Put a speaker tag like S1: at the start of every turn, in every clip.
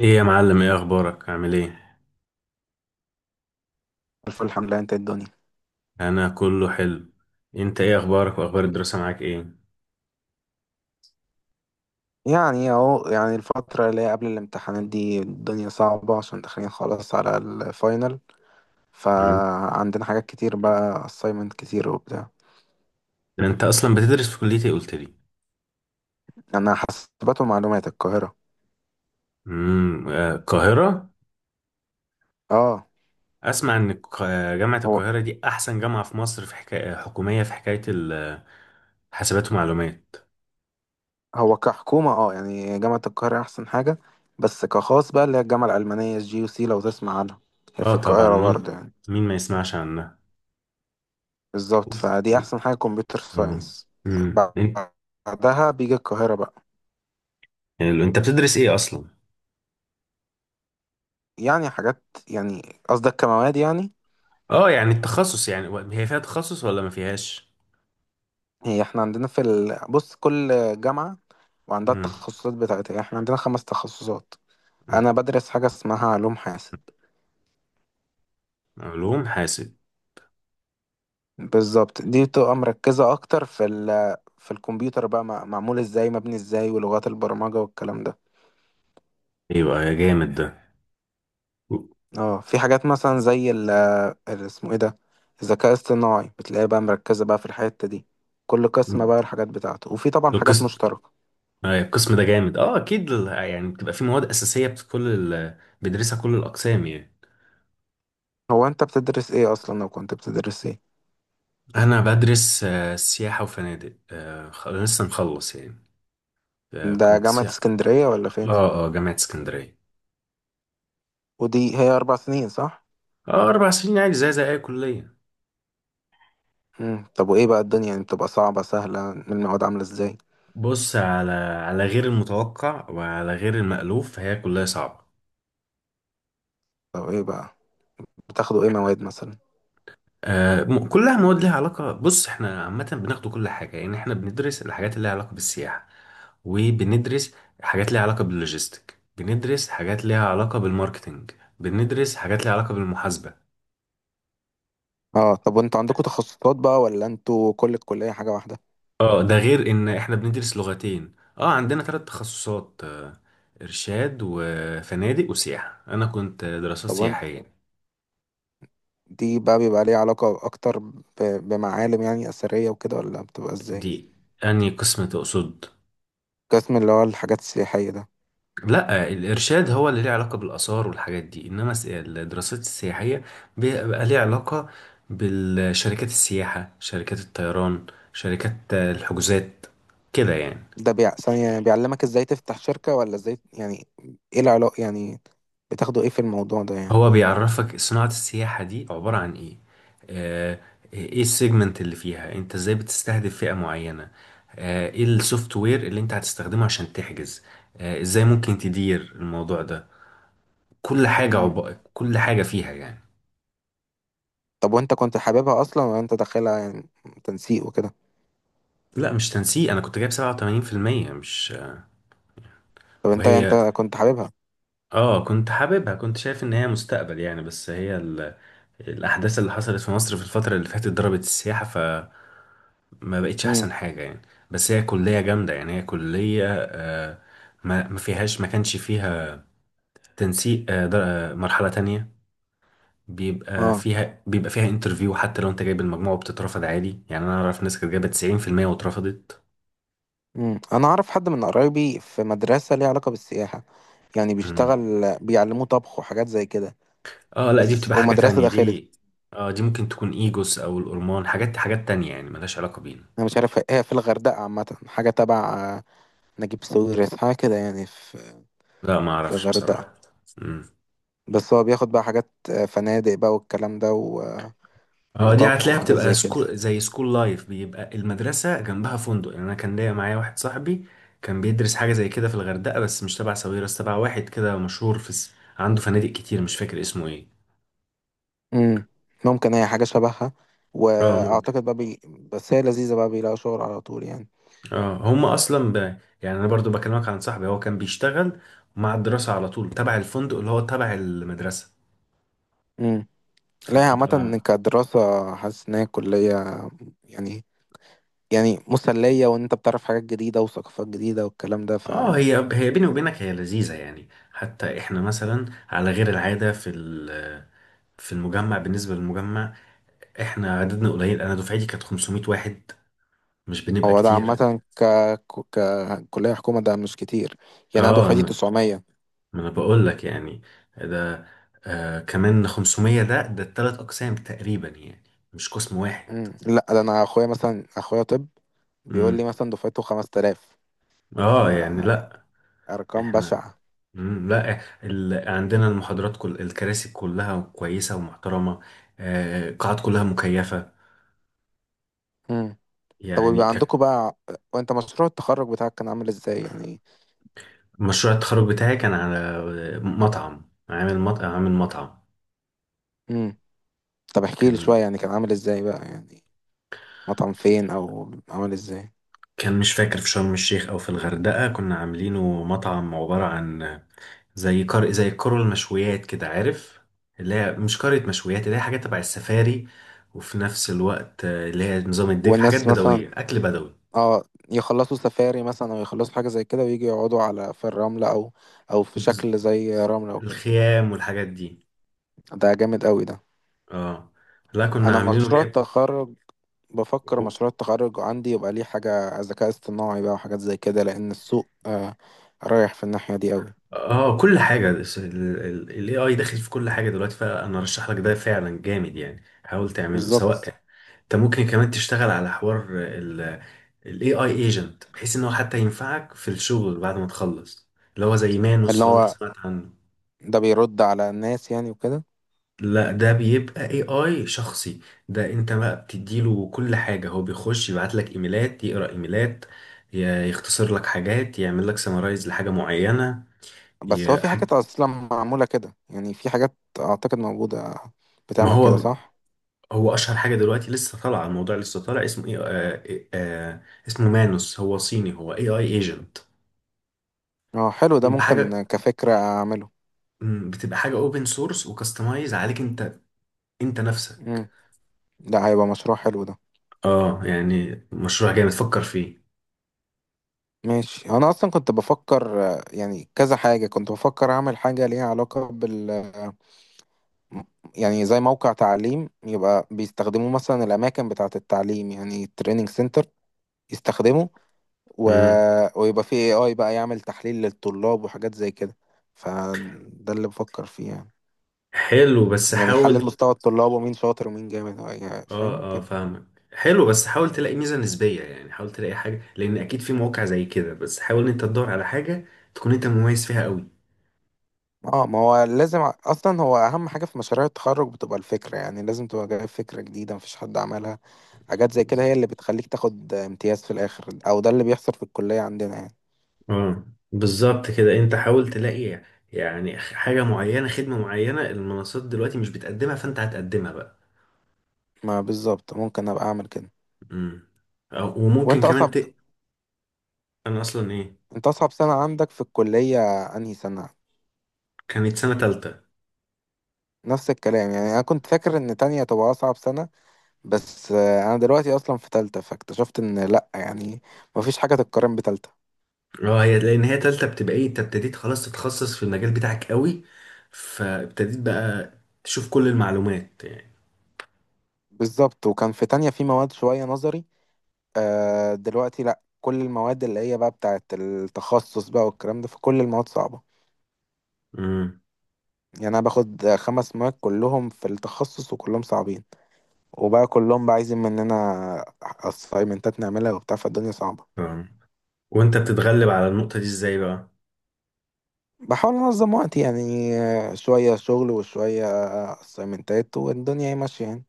S1: ايه يا معلم، ايه اخبارك؟ عامل ايه؟
S2: الف الحمد لله، انت الدنيا.
S1: انا كله حلو. انت ايه اخبارك واخبار الدراسة معاك ايه؟
S2: يعني إيه اهو، يعني الفترة اللي هي قبل الامتحانات دي الدنيا صعبة عشان داخلين خلاص على الفاينل.
S1: مم.
S2: فعندنا حاجات كتير بقى assignment كتير وبتاع.
S1: انت اصلا بتدرس في كلية ايه، قلت لي؟
S2: انا حاسبات ومعلومات القاهرة.
S1: آه، القاهرة.
S2: اه،
S1: اسمع، ان جامعة
S2: هو
S1: القاهرة دي احسن جامعة في مصر، في حكاية حكومية، في حكاية الحاسبات ومعلومات.
S2: هو كحكومة اه يعني جامعة القاهرة احسن حاجة. بس كخاص بقى اللي هي الجامعة الألمانية الجي يو سي لو تسمع عنها. هي في
S1: اه طبعا،
S2: القاهرة
S1: مين
S2: برضه يعني.
S1: مين ما يسمعش عنها؟
S2: بالظبط، فدي احسن حاجة كمبيوتر
S1: آه.
S2: ساينس.
S1: مم. انت.
S2: بعدها بيجي القاهرة بقى.
S1: حلو. أنت بتدرس ايه اصلا؟
S2: يعني حاجات، يعني، قصدك كمواد يعني.
S1: اه يعني التخصص يعني، هي فيها تخصص ولا ما فيهاش؟
S2: هي احنا عندنا في بص، كل جامعة وعندها
S1: امم.
S2: التخصصات بتاعتها، احنا عندنا خمس تخصصات. انا بدرس حاجة اسمها علوم حاسب.
S1: علوم حاسب.
S2: بالظبط، دي بتبقى مركزة اكتر في في الكمبيوتر بقى، معمول ازاي، مبني ازاي، ولغات البرمجة والكلام ده.
S1: ايوه، يا جامد ده.
S2: اه، في حاجات مثلا زي اسمه ايه ده، الذكاء الاصطناعي، بتلاقيها بقى مركزة بقى في الحتة دي. كل قسم بقى الحاجات بتاعته، وفي طبعا حاجات
S1: القسم
S2: مشتركة.
S1: القسم ده جامد. اه اكيد يعني بتبقى في مواد اساسيه كل بيدرسها كل الاقسام يعني.
S2: هو انت بتدرس ايه اصلا، لو كنت بتدرس ايه؟
S1: انا بدرس سياحه وفنادق، لسه مخلص يعني.
S2: ده
S1: كنت
S2: جامعة
S1: سياحة.
S2: اسكندرية ولا فين؟
S1: اه اه، جامعه اسكندريه.
S2: ودي هي 4 سنين صح؟
S1: اه 4 سنين عادي، زي اي كليه.
S2: مم. طب وإيه بقى الدنيا، يعني بتبقى صعبة سهلة، المواد عاملة إزاي؟
S1: بص، على غير المتوقع وعلى غير المألوف، فهي كلها صعبه.
S2: طب إيه بقى، بتاخدوا إيه
S1: احنا
S2: مواد مثلا؟
S1: كلها مواد ليها علاقه. بص، احنا عامه بناخد كل حاجه، يعني احنا بندرس الحاجات اللي ليها علاقه بالسياحه، وبندرس حاجات ليها علاقة باللوجيستيك، بندرس حاجات ليها علاقة بالماركتينج، بندرس حاجات ليها علاقة بالمحاسبة.
S2: آه، طب وأنتوا عندكم تخصصات بقى ولا أنتوا كل الكلية حاجة واحدة؟
S1: اه ده غير ان احنا بندرس لغتين، عندنا ثلاث تخصصات، ارشاد وفنادق وسياحة. انا كنت دراسات
S2: طب وأنت،
S1: سياحية.
S2: دي بقى بيبقى ليها علاقة أكتر بمعالم يعني أثرية وكده ولا بتبقى إزاي؟
S1: دي انهي قسم تقصد؟
S2: قسم اللي هو الحاجات السياحية ده.
S1: لا، الإرشاد هو اللي ليه علاقة بالآثار والحاجات دي، إنما الدراسات السياحية بيبقى ليه علاقة بالشركات السياحة، شركات الطيران، شركات الحجوزات، كده يعني.
S2: ثانية، بيعلمك إزاي تفتح شركة ولا إزاي يعني، إيه العلاقة يعني، بتاخدوا إيه في الموضوع ده يعني؟
S1: هو بيعرفك صناعة السياحة دي عبارة عن إيه. آه، إيه السيجمنت اللي فيها أنت؟ إزاي بتستهدف فئة معينة؟ إيه السوفت وير اللي أنت هتستخدمه عشان تحجز؟ إزاي ممكن تدير الموضوع ده؟
S2: مم.
S1: كل حاجة فيها يعني.
S2: طب وأنت كنت حاببها أصلا ولا أنت داخلها يعني تنسيق وكده؟
S1: لا مش تنسيق، انا كنت جايب 87%، مش.
S2: طب، انت
S1: وهي،
S2: كنت حاببها.
S1: اه كنت حاببها، كنت شايف ان هي مستقبل يعني، بس هي الاحداث اللي حصلت في مصر في الفترة اللي فاتت ضربت السياحة، فما بقتش احسن
S2: امم
S1: حاجة يعني. بس هي كلية جامدة يعني، هي كلية آه. ما كانش فيها تنسيق. آه در... آه، مرحلة تانية. بيبقى
S2: اه،
S1: فيها بيبقى فيها انترفيو، حتى لو انت جايب المجموع وبتترفض عادي يعني. انا اعرف ناس كانت جايبة 90% واترفضت.
S2: انا اعرف حد من قرايبي في مدرسة ليها علاقة بالسياحة، يعني بيشتغل.
S1: مم.
S2: بيعلموه طبخ وحاجات زي كده،
S1: اه لا، دي
S2: بس
S1: بتبقى حاجة
S2: ومدرسة
S1: تانية
S2: داخلت.
S1: دي. اه دي ممكن تكون ايجوس او الهرمون، حاجات تانية يعني، ملهاش علاقة بينا.
S2: انا مش عارف، هي في الغردقة عامة حاجة تبع نجيب ساويرس، حاجة كده يعني، في
S1: لا، ما
S2: في
S1: اعرفش
S2: الغردقة.
S1: بصراحة. امم.
S2: بس هو بياخد بقى حاجات فنادق بقى والكلام ده و... آه،
S1: اه دي
S2: وطبخ
S1: هتلاقيها
S2: وحاجات
S1: بتبقى
S2: زي كده.
S1: سكول، زي سكول لايف، بيبقى المدرسة جنبها فندق يعني. انا كان ليا، معايا واحد صاحبي كان بيدرس حاجة زي كده في الغردقة، بس مش تبع ساويرس، تبع واحد كده مشهور عنده فنادق كتير، مش فاكر اسمه ايه.
S2: امم، ممكن هي حاجة شبهها،
S1: اه ممكن.
S2: واعتقد بقى بس هي لذيذة بقى بيلاقوا شغل على طول يعني.
S1: اه هم اصلا يعني انا برضو بكلمك عن صاحبي، هو كان بيشتغل مع الدراسة على طول، تبع الفندق اللي هو تبع المدرسة،
S2: لا، هي
S1: فبتبقى.
S2: عامة كدراسة حاسس إن هي كلية يعني، يعني مسلية، وإن أنت بتعرف حاجات جديدة وثقافات جديدة والكلام ده
S1: اه
S2: فهو.
S1: هي بيني وبينك، هي لذيذة يعني. حتى احنا مثلا، على غير العادة، في في المجمع، بالنسبة للمجمع احنا عددنا قليل، انا دفعتي كانت 500 واحد، مش بنبقى
S2: ده
S1: كتير.
S2: عامة كلية حكومة، ده مش كتير يعني، أنا
S1: اه
S2: دفعتي
S1: ما
S2: 900.
S1: ما انا بقول لك يعني. ده كمان 500، ده التلات اقسام تقريبا يعني، مش قسم واحد.
S2: مم. لا، ده أنا أخويا مثلا، أخويا طب بيقول لي
S1: امم.
S2: مثلا دفعته 5000.
S1: اه يعني
S2: فأرقام
S1: لا. احنا،
S2: بشعة.
S1: مم، لا عندنا المحاضرات، كل الكراسي كلها كويسة ومحترمة، القاعات كلها مكيفة
S2: مم. طب
S1: يعني
S2: ويبقى
S1: ك-
S2: عندكم بقى، وأنت مشروع التخرج بتاعك كان عامل إزاي يعني؟
S1: مشروع التخرج بتاعي كان على مطعم. عامل مطعم.
S2: مم. طب احكي لي شوية
S1: كان
S2: يعني كان عامل إزاي بقى يعني، مطعم فين أو عامل إزاي؟
S1: كان مش فاكر في شرم الشيخ او في الغردقة، كنا عاملينه مطعم عبارة عن زي كرة المشويات كده، عارف، اللي هي مش كرة مشويات، اللي هي حاجات تبع السفاري، وفي نفس الوقت اللي هي نظام الدك، حاجات
S2: والناس مثلا،
S1: بدوية، أكل بدوي.
S2: اه، يخلصوا سفاري مثلا او يخلصوا حاجة زي كده ويجي يقعدوا على في الرملة او في شكل
S1: بز-
S2: زي رملة وكده.
S1: الخيام والحاجات دي.
S2: ده جامد قوي ده.
S1: اه لا، كنا
S2: انا
S1: عاملينه.
S2: مشروع التخرج، بفكر
S1: جامد.
S2: مشروع التخرج عندي يبقى ليه حاجة ذكاء اصطناعي بقى وحاجات زي كده، لان السوق رايح في الناحية دي قوي.
S1: اه، كل حاجة الاي AI داخل في كل حاجة دلوقتي، فانا ارشح لك ده، فعلا جامد يعني، حاول تعمله
S2: بالظبط،
S1: سواء. انت ممكن كمان تشتغل على حوار الاي AI ايجنت، بحيث ان هو حتى ينفعك في الشغل بعد ما تخلص، اللي هو زي
S2: اللي
S1: مانوس لو انت
S2: هو
S1: سمعت عنه.
S2: ده بيرد على الناس يعني وكده.
S1: لا، ده بيبقى اي اي شخصي، ده انت بقى بتديله كل حاجة، هو بيخش يبعت لك ايميلات، يقرأ ايميلات، يختصر لك حاجات، يعمل لك سمرايز لحاجة معينة.
S2: بس هو
S1: ي-
S2: في حاجات اصلا معمولة كده يعني، في حاجات اعتقد موجودة
S1: ما
S2: بتعمل كده
S1: هو
S2: صح؟
S1: هو اشهر حاجه دلوقتي، لسه طالعه، الموضوع لسه طالع، اسمه ايه، اسمه مانوس. هو صيني، هو اي اي ايجنت.
S2: اه حلو ده،
S1: بيبقى
S2: ممكن
S1: حاجه
S2: كفكرة اعمله.
S1: مم، بتبقى حاجه اوبن سورس، وكستمايز عليك انت، انت نفسك.
S2: لا، هيبقى مشروع حلو ده.
S1: اه يعني مشروع جامد، فكر فيه.
S2: ماشي، انا اصلا كنت بفكر يعني كذا حاجه كنت بفكر اعمل حاجه ليها علاقه م- يعني زي موقع تعليم يبقى بيستخدموه مثلا الاماكن بتاعه التعليم، يعني التريننج سنتر يستخدمه، و...
S1: امم.
S2: ويبقى فيه AI بقى يعمل تحليل للطلاب وحاجات زي كده، فده اللي بفكر فيه يعني.
S1: حلو، بس
S2: يعني يحلل
S1: حاول.
S2: مستوى الطلاب ومين شاطر ومين جامد، يعني
S1: اه
S2: فاهم
S1: اه،
S2: كده.
S1: فاهمك. حلو، بس حاول تلاقي ميزه نسبيه يعني، حاول تلاقي حاجه، لان اكيد في مواقع زي كده، بس حاول ان انت تدور على حاجه تكون انت مميز فيها قوي.
S2: اه، ما هو لازم اصلا هو اهم حاجه في مشاريع التخرج بتبقى الفكره يعني، لازم تبقى جايب فكره جديده مفيش حد عملها. حاجات زي كده هي اللي بتخليك تاخد امتياز في الاخر، او ده اللي بيحصل في الكليه عندنا يعني.
S1: اه بالظبط كده، انت حاول تلاقي يعني حاجة معينة، خدمة معينة، المنصات دلوقتي مش بتقدمها، فانت هتقدمها بقى.
S2: ما بالظبط، ممكن ابقى اعمل كده.
S1: امم. وممكن
S2: وانت
S1: كمان
S2: اصعب
S1: ت... انا اصلا ايه.
S2: انت اصعب سنه عندك في الكليه انهي سنه؟
S1: كانت سنة تالتة.
S2: نفس الكلام يعني، انا كنت فاكر ان تانية تبقى اصعب سنه، بس انا دلوقتي اصلا في تالتة فاكتشفت ان لا يعني، مفيش حاجه تتقارن بتالتة.
S1: اه هي، لان هي تالتة بتبقى ايه، انت ابتديت خلاص تتخصص في المجال بتاعك قوي، فابتديت بقى تشوف كل المعلومات يعني.
S2: بالظبط، وكان في تانية في مواد شويه نظري، دلوقتي لا، كل المواد اللي هي بقى بتاعت التخصص بقى والكلام ده، فكل المواد صعبة
S1: امم.
S2: يعني. أنا باخد خمس مواد كلهم في التخصص وكلهم صعبين، وبقى كلهم بقى عايزين مننا أسايمنتات نعملها وبتاع، فالدنيا صعبة.
S1: فاهم. وانت بتتغلب على النقطة دي ازاي بقى؟
S2: بحاول أنظم وقتي يعني، آه، شوية شغل وشوية أسايمنتات والدنيا هي ماشية يعني.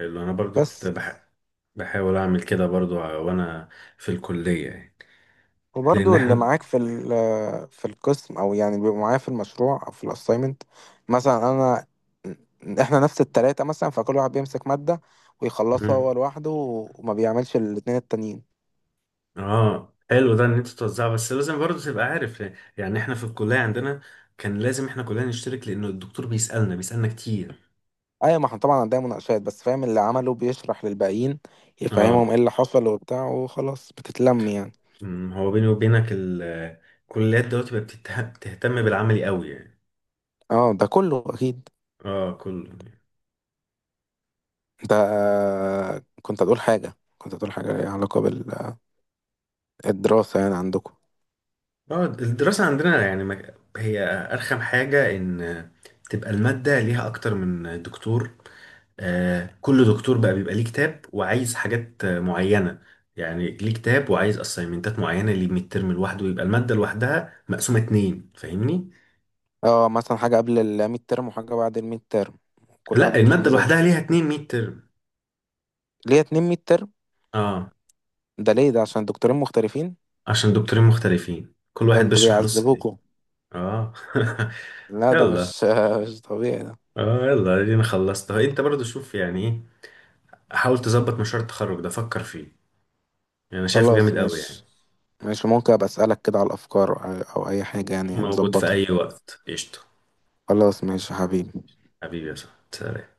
S1: اللي انا برضو كنت
S2: بس،
S1: بحاول اعمل كده برضو، وانا في الكلية يعني، لان
S2: وبرضو اللي
S1: احنا.
S2: معاك في في القسم او يعني بيبقوا معايا في المشروع او في الاساينمنت، مثلا احنا نفس التلاتة مثلا، فكل واحد بيمسك مادة ويخلصها
S1: مم.
S2: هو لوحده وما بيعملش الاتنين التانيين.
S1: اه حلو ده، ان انت توزعه، بس لازم برضه تبقى عارف، يعني احنا في الكليه عندنا كان لازم احنا كلنا نشترك، لانه الدكتور بيسالنا كتير.
S2: ايوه، ما احنا طبعا عندنا مناقشات، بس فاهم اللي عمله بيشرح للباقيين يفهمهم
S1: اه،
S2: ايه اللي حصل وبتاع وخلاص بتتلم يعني.
S1: هو بيني وبينك الكليات دلوقتي بقت بتهتم بالعملي قوي يعني.
S2: اه، ده كله اكيد.
S1: اه كل
S2: انت كنت هتقول حاجة، كنت هتقول حاجة ليها علاقة بالدراسة يعني عندكم.
S1: اه الدراسه عندنا يعني، هي ارخم حاجه، ان تبقى الماده ليها اكتر من دكتور، كل دكتور بقى بيبقى ليه كتاب، وعايز حاجات معينة، يعني ليه كتاب وعايز اسايمنتات معينة، ليه ميد ترم لوحده، ويبقى المادة لوحدها مقسومة اتنين، فاهمني؟
S2: اه مثلا حاجة قبل الميد ترم وحاجة بعد الميد ترم، كل واحد
S1: لا،
S2: بيمشي
S1: المادة
S2: بمزاجه.
S1: لوحدها ليها اتنين ميد ترم.
S2: ليه اتنين ميد ترم؟
S1: اه
S2: ده ليه؟ ده عشان دكتورين مختلفين؟
S1: عشان دكتورين مختلفين، كل
S2: ده
S1: واحد
S2: انتوا
S1: بيشرح نص تاني.
S2: بيعذبوكوا.
S1: اه
S2: لا ده
S1: يلا
S2: مش مش طبيعي ده.
S1: اه يلا ادينا خلصت. انت برضو شوف يعني ايه، حاول تظبط مشروع التخرج ده، فكر فيه يعني، انا شايفه
S2: خلاص
S1: جامد قوي يعني.
S2: ماشي، ماشي ممكن ابقى اسألك كده على الافكار او أو اي حاجة يعني
S1: موجود في
S2: نظبطها.
S1: اي وقت، قشطة.
S2: خلاص ماشي يا حبيبي.
S1: حبيبي يا صاحبي.